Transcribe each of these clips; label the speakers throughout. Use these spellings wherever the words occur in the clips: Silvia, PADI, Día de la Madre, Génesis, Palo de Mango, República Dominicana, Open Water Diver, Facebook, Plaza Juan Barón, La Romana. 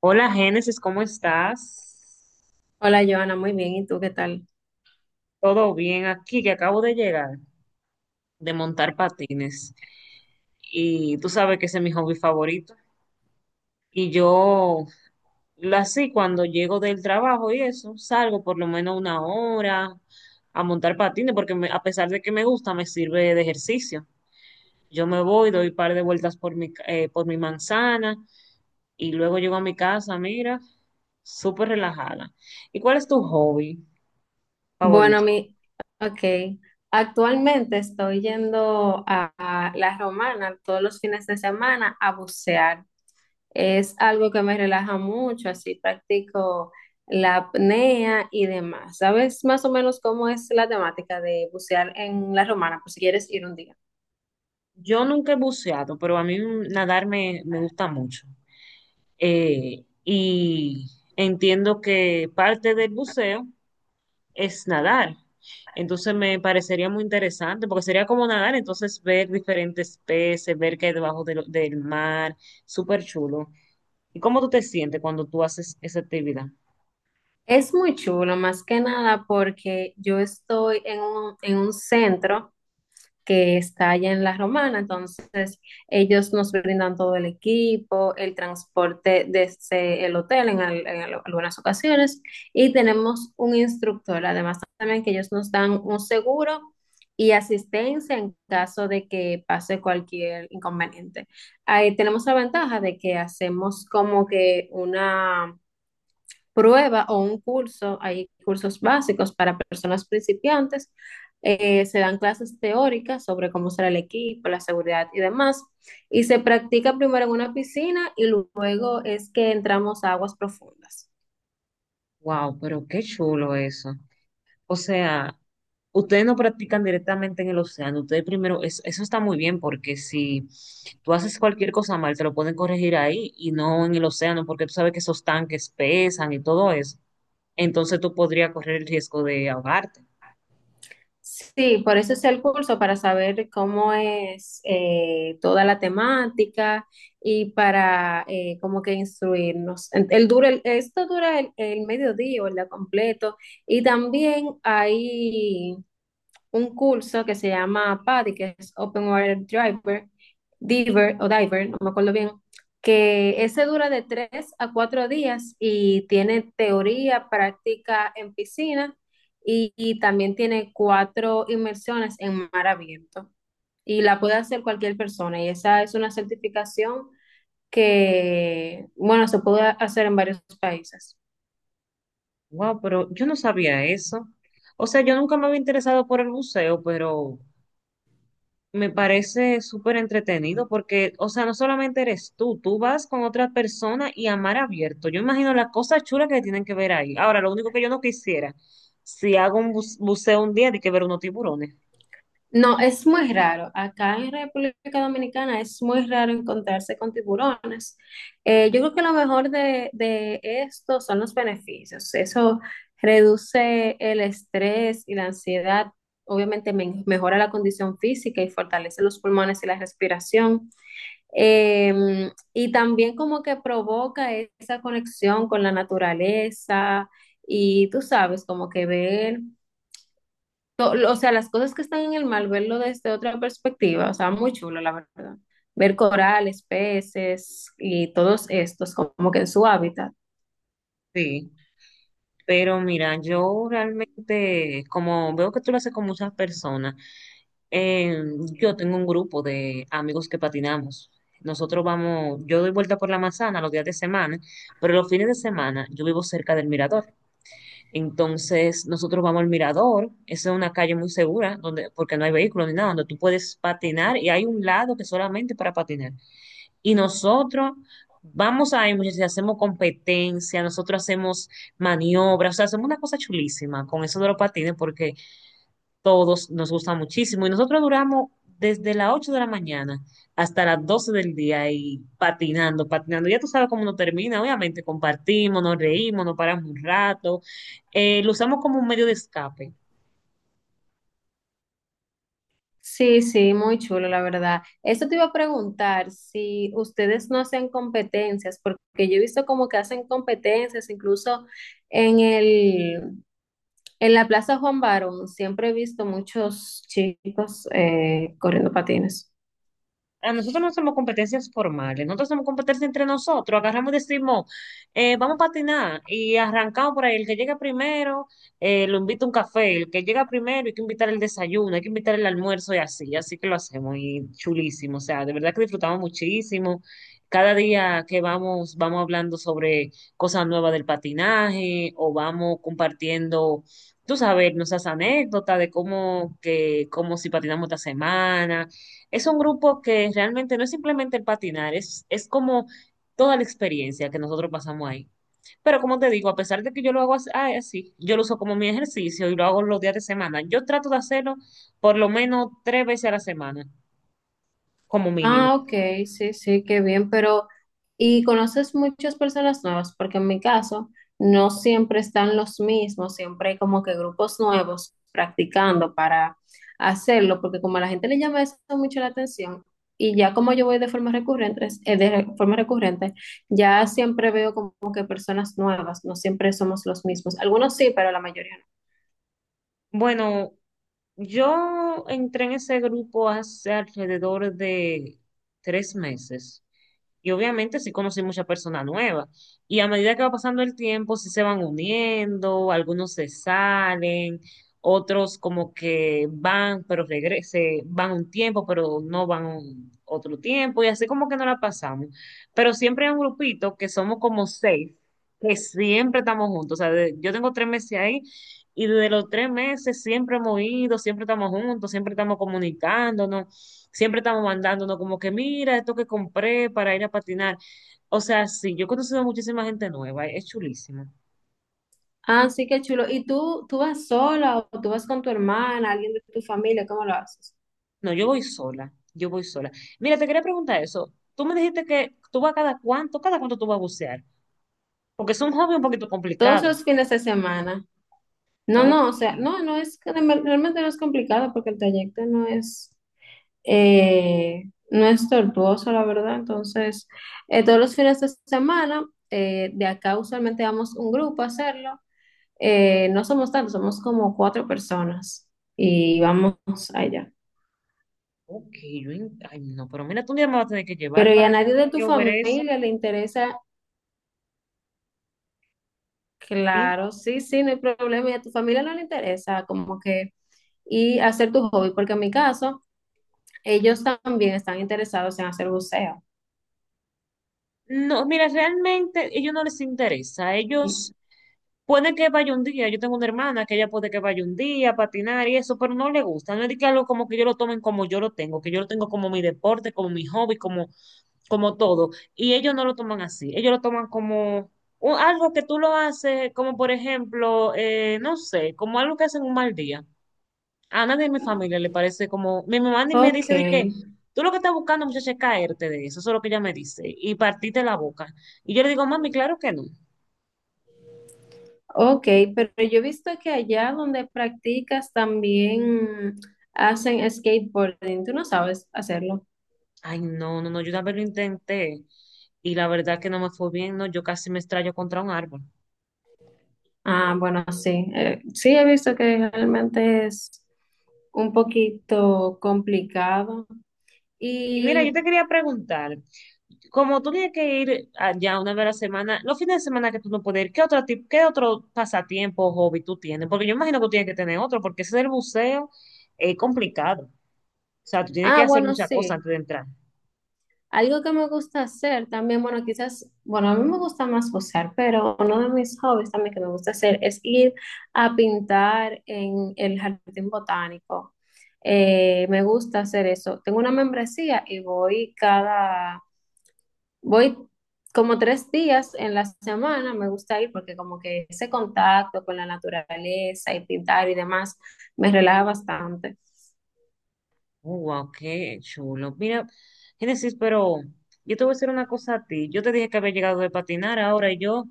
Speaker 1: Hola Génesis, ¿cómo estás?
Speaker 2: Hola, Joana, muy bien. ¿Y tú qué tal?
Speaker 1: Todo bien aquí, que acabo de llegar de montar patines y tú sabes que ese es mi hobby favorito. Y yo, lo así, cuando llego del trabajo y eso, salgo por lo menos una hora a montar patines porque a pesar de que me gusta, me sirve de ejercicio. Yo me voy, doy un par de vueltas por mi manzana y luego llego a mi casa, mira, súper relajada. ¿Y cuál es tu hobby
Speaker 2: Bueno,
Speaker 1: favorito?
Speaker 2: mi, ok. Actualmente estoy yendo a La Romana todos los fines de semana a bucear. Es algo que me relaja mucho, así practico la apnea y demás. ¿Sabes más o menos cómo es la temática de bucear en La Romana, por si quieres ir un día?
Speaker 1: Yo nunca he buceado, pero a mí nadar me gusta mucho. Y entiendo que parte del buceo es nadar. Entonces me parecería muy interesante, porque sería como nadar, entonces ver diferentes peces, ver qué hay debajo del mar, súper chulo. ¿Y cómo tú te sientes cuando tú haces esa actividad?
Speaker 2: Es muy chulo, más que nada porque yo estoy en en un centro que está allá en La Romana. Entonces, ellos nos brindan todo el equipo, el transporte desde el hotel en algunas ocasiones, y tenemos un instructor. Además, también que ellos nos dan un seguro y asistencia en caso de que pase cualquier inconveniente. Ahí tenemos la ventaja de que hacemos como que una prueba o un curso. Hay cursos básicos para personas principiantes. Se dan clases teóricas sobre cómo será el equipo, la seguridad y demás, y se practica primero en una piscina y luego es que entramos a aguas profundas.
Speaker 1: Wow, pero qué chulo eso. O sea, ustedes no practican directamente en el océano. Ustedes primero, eso está muy bien porque si tú haces cualquier cosa mal, te lo pueden corregir ahí y no en el océano porque tú sabes que esos tanques pesan y todo eso. Entonces tú podrías correr el riesgo de ahogarte.
Speaker 2: Sí, por eso es el curso, para saber cómo es toda la temática y para como que instruirnos. Esto dura el mediodía o el día completo, y también hay un curso que se llama PADI, que es Open Water Diver Diver o Diver, no me acuerdo bien, que ese dura de tres a cuatro días y tiene teoría, práctica en piscina y también tiene cuatro inmersiones en mar abierto. Y la puede hacer cualquier persona, y esa es una certificación que, bueno, se puede hacer en varios países.
Speaker 1: Wow, pero yo no sabía eso. O sea, yo nunca me había interesado por el buceo, pero me parece súper entretenido porque, o sea, no solamente eres tú, tú vas con otra persona y a mar abierto. Yo imagino las cosas chulas que tienen que ver ahí. Ahora, lo único que yo no quisiera, si hago un buceo un día, de que ver unos tiburones.
Speaker 2: No, es muy raro. Acá en República Dominicana es muy raro encontrarse con tiburones. Yo creo que lo mejor de esto son los beneficios. Eso reduce el estrés y la ansiedad. Obviamente mejora la condición física y fortalece los pulmones y la respiración. Y también como que provoca esa conexión con la naturaleza, y tú sabes, como que ver o sea, las cosas que están en el mar, verlo desde otra perspectiva, o sea, muy chulo, la verdad. Ver corales, peces y todos estos como que en su hábitat.
Speaker 1: Sí, pero mira, yo realmente, como veo que tú lo haces con muchas personas, eh, yo tengo un grupo de amigos que patinamos. Nosotros vamos, yo doy vuelta por la manzana los días de semana, pero los fines de semana yo vivo cerca del mirador. Entonces, nosotros vamos al mirador, esa es una calle muy segura, donde, porque no hay vehículos ni nada, donde tú puedes patinar y hay un lado que solamente para patinar. Y nosotros vamos ahí, muchachos, y hacemos competencia, nosotros hacemos maniobras, o sea, hacemos una cosa chulísima con eso de los patines, porque todos nos gusta muchísimo y nosotros duramos desde las 8 de la mañana hasta las 12 del día y patinando, patinando. Ya tú sabes cómo uno termina, obviamente compartimos, nos reímos, nos paramos un rato, lo usamos como un medio de escape.
Speaker 2: Sí, sí, muy chulo, la verdad. Eso te iba a preguntar si ustedes no hacen competencias, porque yo he visto como que hacen competencias, incluso en el, en la Plaza Juan Barón. Siempre he visto muchos chicos corriendo patines.
Speaker 1: A nosotros no hacemos competencias formales, nosotros hacemos competencias entre nosotros, agarramos y decimos, vamos a patinar y arrancamos por ahí, el que llega primero lo invita a un café, el que llega primero hay que invitar el desayuno, hay que invitar el almuerzo y así, así que lo hacemos y chulísimo, o sea, de verdad que disfrutamos muchísimo. Cada día que vamos, vamos hablando sobre cosas nuevas del patinaje o vamos compartiendo, tú sabes, nuestras anécdotas de cómo, que, cómo si patinamos esta semana es un grupo que realmente no es simplemente el patinar, es como toda la experiencia que nosotros pasamos ahí. Pero como te digo, a pesar de que yo lo hago así, yo lo uso como mi ejercicio y lo hago los días de semana. Yo trato de hacerlo por lo menos tres veces a la semana, como mínimo.
Speaker 2: Ah, ok, sí, sí, qué bien. Pero ¿y conoces muchas personas nuevas? Porque en mi caso no siempre están los mismos, siempre hay como que grupos nuevos practicando para hacerlo, porque como a la gente le llama eso mucho la atención, y ya como yo voy de forma recurrente, forma recurrente, ya siempre veo como que personas nuevas, no siempre somos los mismos. Algunos sí, pero la mayoría no.
Speaker 1: Bueno, yo entré en ese grupo hace alrededor de 3 meses. Y obviamente sí conocí mucha persona nueva. Y a medida que va pasando el tiempo, sí se van uniendo, algunos se salen, otros como que van, pero regrese, van un tiempo, pero no van otro tiempo, y así como que no la pasamos. Pero siempre hay un grupito que somos como seis, que siempre estamos juntos. O sea, yo tengo 3 meses ahí. Y desde los 3 meses siempre hemos ido, siempre estamos juntos, siempre estamos comunicándonos. Siempre estamos mandándonos como que mira esto que compré para ir a patinar. O sea, sí, yo he conocido a muchísima gente nueva, es chulísimo.
Speaker 2: Ah, sí, qué chulo. ¿Y tú, vas sola o tú vas con tu hermana, alguien de tu familia? ¿Cómo lo haces?
Speaker 1: No, yo voy sola, yo voy sola. Mira, te quería preguntar eso. Tú me dijiste que tú vas cada cuánto tú vas a bucear, porque es un hobby un poquito
Speaker 2: Todos
Speaker 1: complicado.
Speaker 2: los fines de semana. No,
Speaker 1: Ok,
Speaker 2: no, o sea, realmente no es complicado porque el trayecto eh, no es tortuoso, la verdad. Entonces, todos los fines de semana, de acá usualmente vamos un grupo a hacerlo. No somos tantos, somos como cuatro personas, y vamos allá.
Speaker 1: ok, yo, ay, no, pero mira, tú un día me vas a tener que llevar
Speaker 2: Pero ¿y a
Speaker 1: para allá
Speaker 2: nadie de
Speaker 1: para
Speaker 2: tu
Speaker 1: yo ver eso.
Speaker 2: familia le interesa?
Speaker 1: Sí.
Speaker 2: Claro, sí, sí, no hay problema. ¿Y a tu familia no le interesa como que y hacer tu hobby? Porque en mi caso, ellos también están interesados en hacer buceo.
Speaker 1: No, mira, realmente ellos no les interesa. Ellos puede que vaya un día, yo tengo una hermana que ella puede que vaya un día a patinar y eso, pero no le gusta, no es de que algo como que yo lo tomen como yo lo tengo, que yo lo tengo como mi deporte, como mi hobby, como, como todo. Y ellos no lo toman así, ellos lo toman como algo que tú lo haces, como por ejemplo, no sé, como algo que hacen un mal día. A nadie de mi familia le parece como, mi mamá ni me
Speaker 2: Ok,
Speaker 1: dice de que tú lo que estás buscando, muchacha, es caerte de eso, eso es lo que ella me dice, y partirte la boca. Y yo le digo, mami, claro que no.
Speaker 2: ok, pero yo he visto que allá donde practicas también hacen skateboarding. ¿Tú no sabes hacerlo?
Speaker 1: Ay, no, no, no, yo una vez lo intenté y la verdad que no me fue bien, no, yo casi me estrello contra un árbol.
Speaker 2: Ah, bueno, sí. Sí, he visto que realmente es un poquito complicado.
Speaker 1: Y mira, yo
Speaker 2: Y,
Speaker 1: te quería preguntar, como tú tienes que ir allá una vez a la semana, los fines de semana que tú no puedes ir, ¿qué otro pasatiempo o hobby tú tienes? Porque yo imagino que tú tienes que tener otro, porque ese del buceo es complicado. O sea, tú tienes que
Speaker 2: ah,
Speaker 1: hacer
Speaker 2: bueno,
Speaker 1: muchas cosas
Speaker 2: sí.
Speaker 1: antes de entrar.
Speaker 2: Algo que me gusta hacer también, bueno, quizás, bueno, a mí me gusta más gozar, pero uno de mis hobbies también que me gusta hacer es ir a pintar en el jardín botánico. Me gusta hacer eso. Tengo una membresía y voy voy como tres días en la semana. Me gusta ir porque como que ese contacto con la naturaleza y pintar y demás me relaja bastante.
Speaker 1: Oh, wow, qué chulo. Mira, Génesis, pero yo te voy a decir una cosa a ti. Yo te dije que había llegado de patinar, ahora yo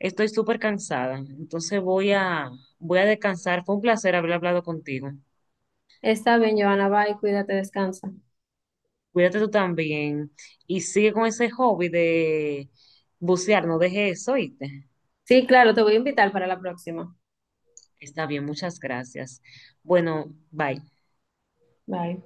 Speaker 1: estoy súper cansada. Entonces voy a descansar. Fue un placer haber hablado contigo.
Speaker 2: Está bien, Joana, bye, cuídate, descansa.
Speaker 1: Cuídate tú también y sigue con ese hobby de bucear, no dejes eso, ¿oíste?
Speaker 2: Sí, claro, te voy a invitar para la próxima.
Speaker 1: Está bien, muchas gracias. Bueno, bye.
Speaker 2: Bye.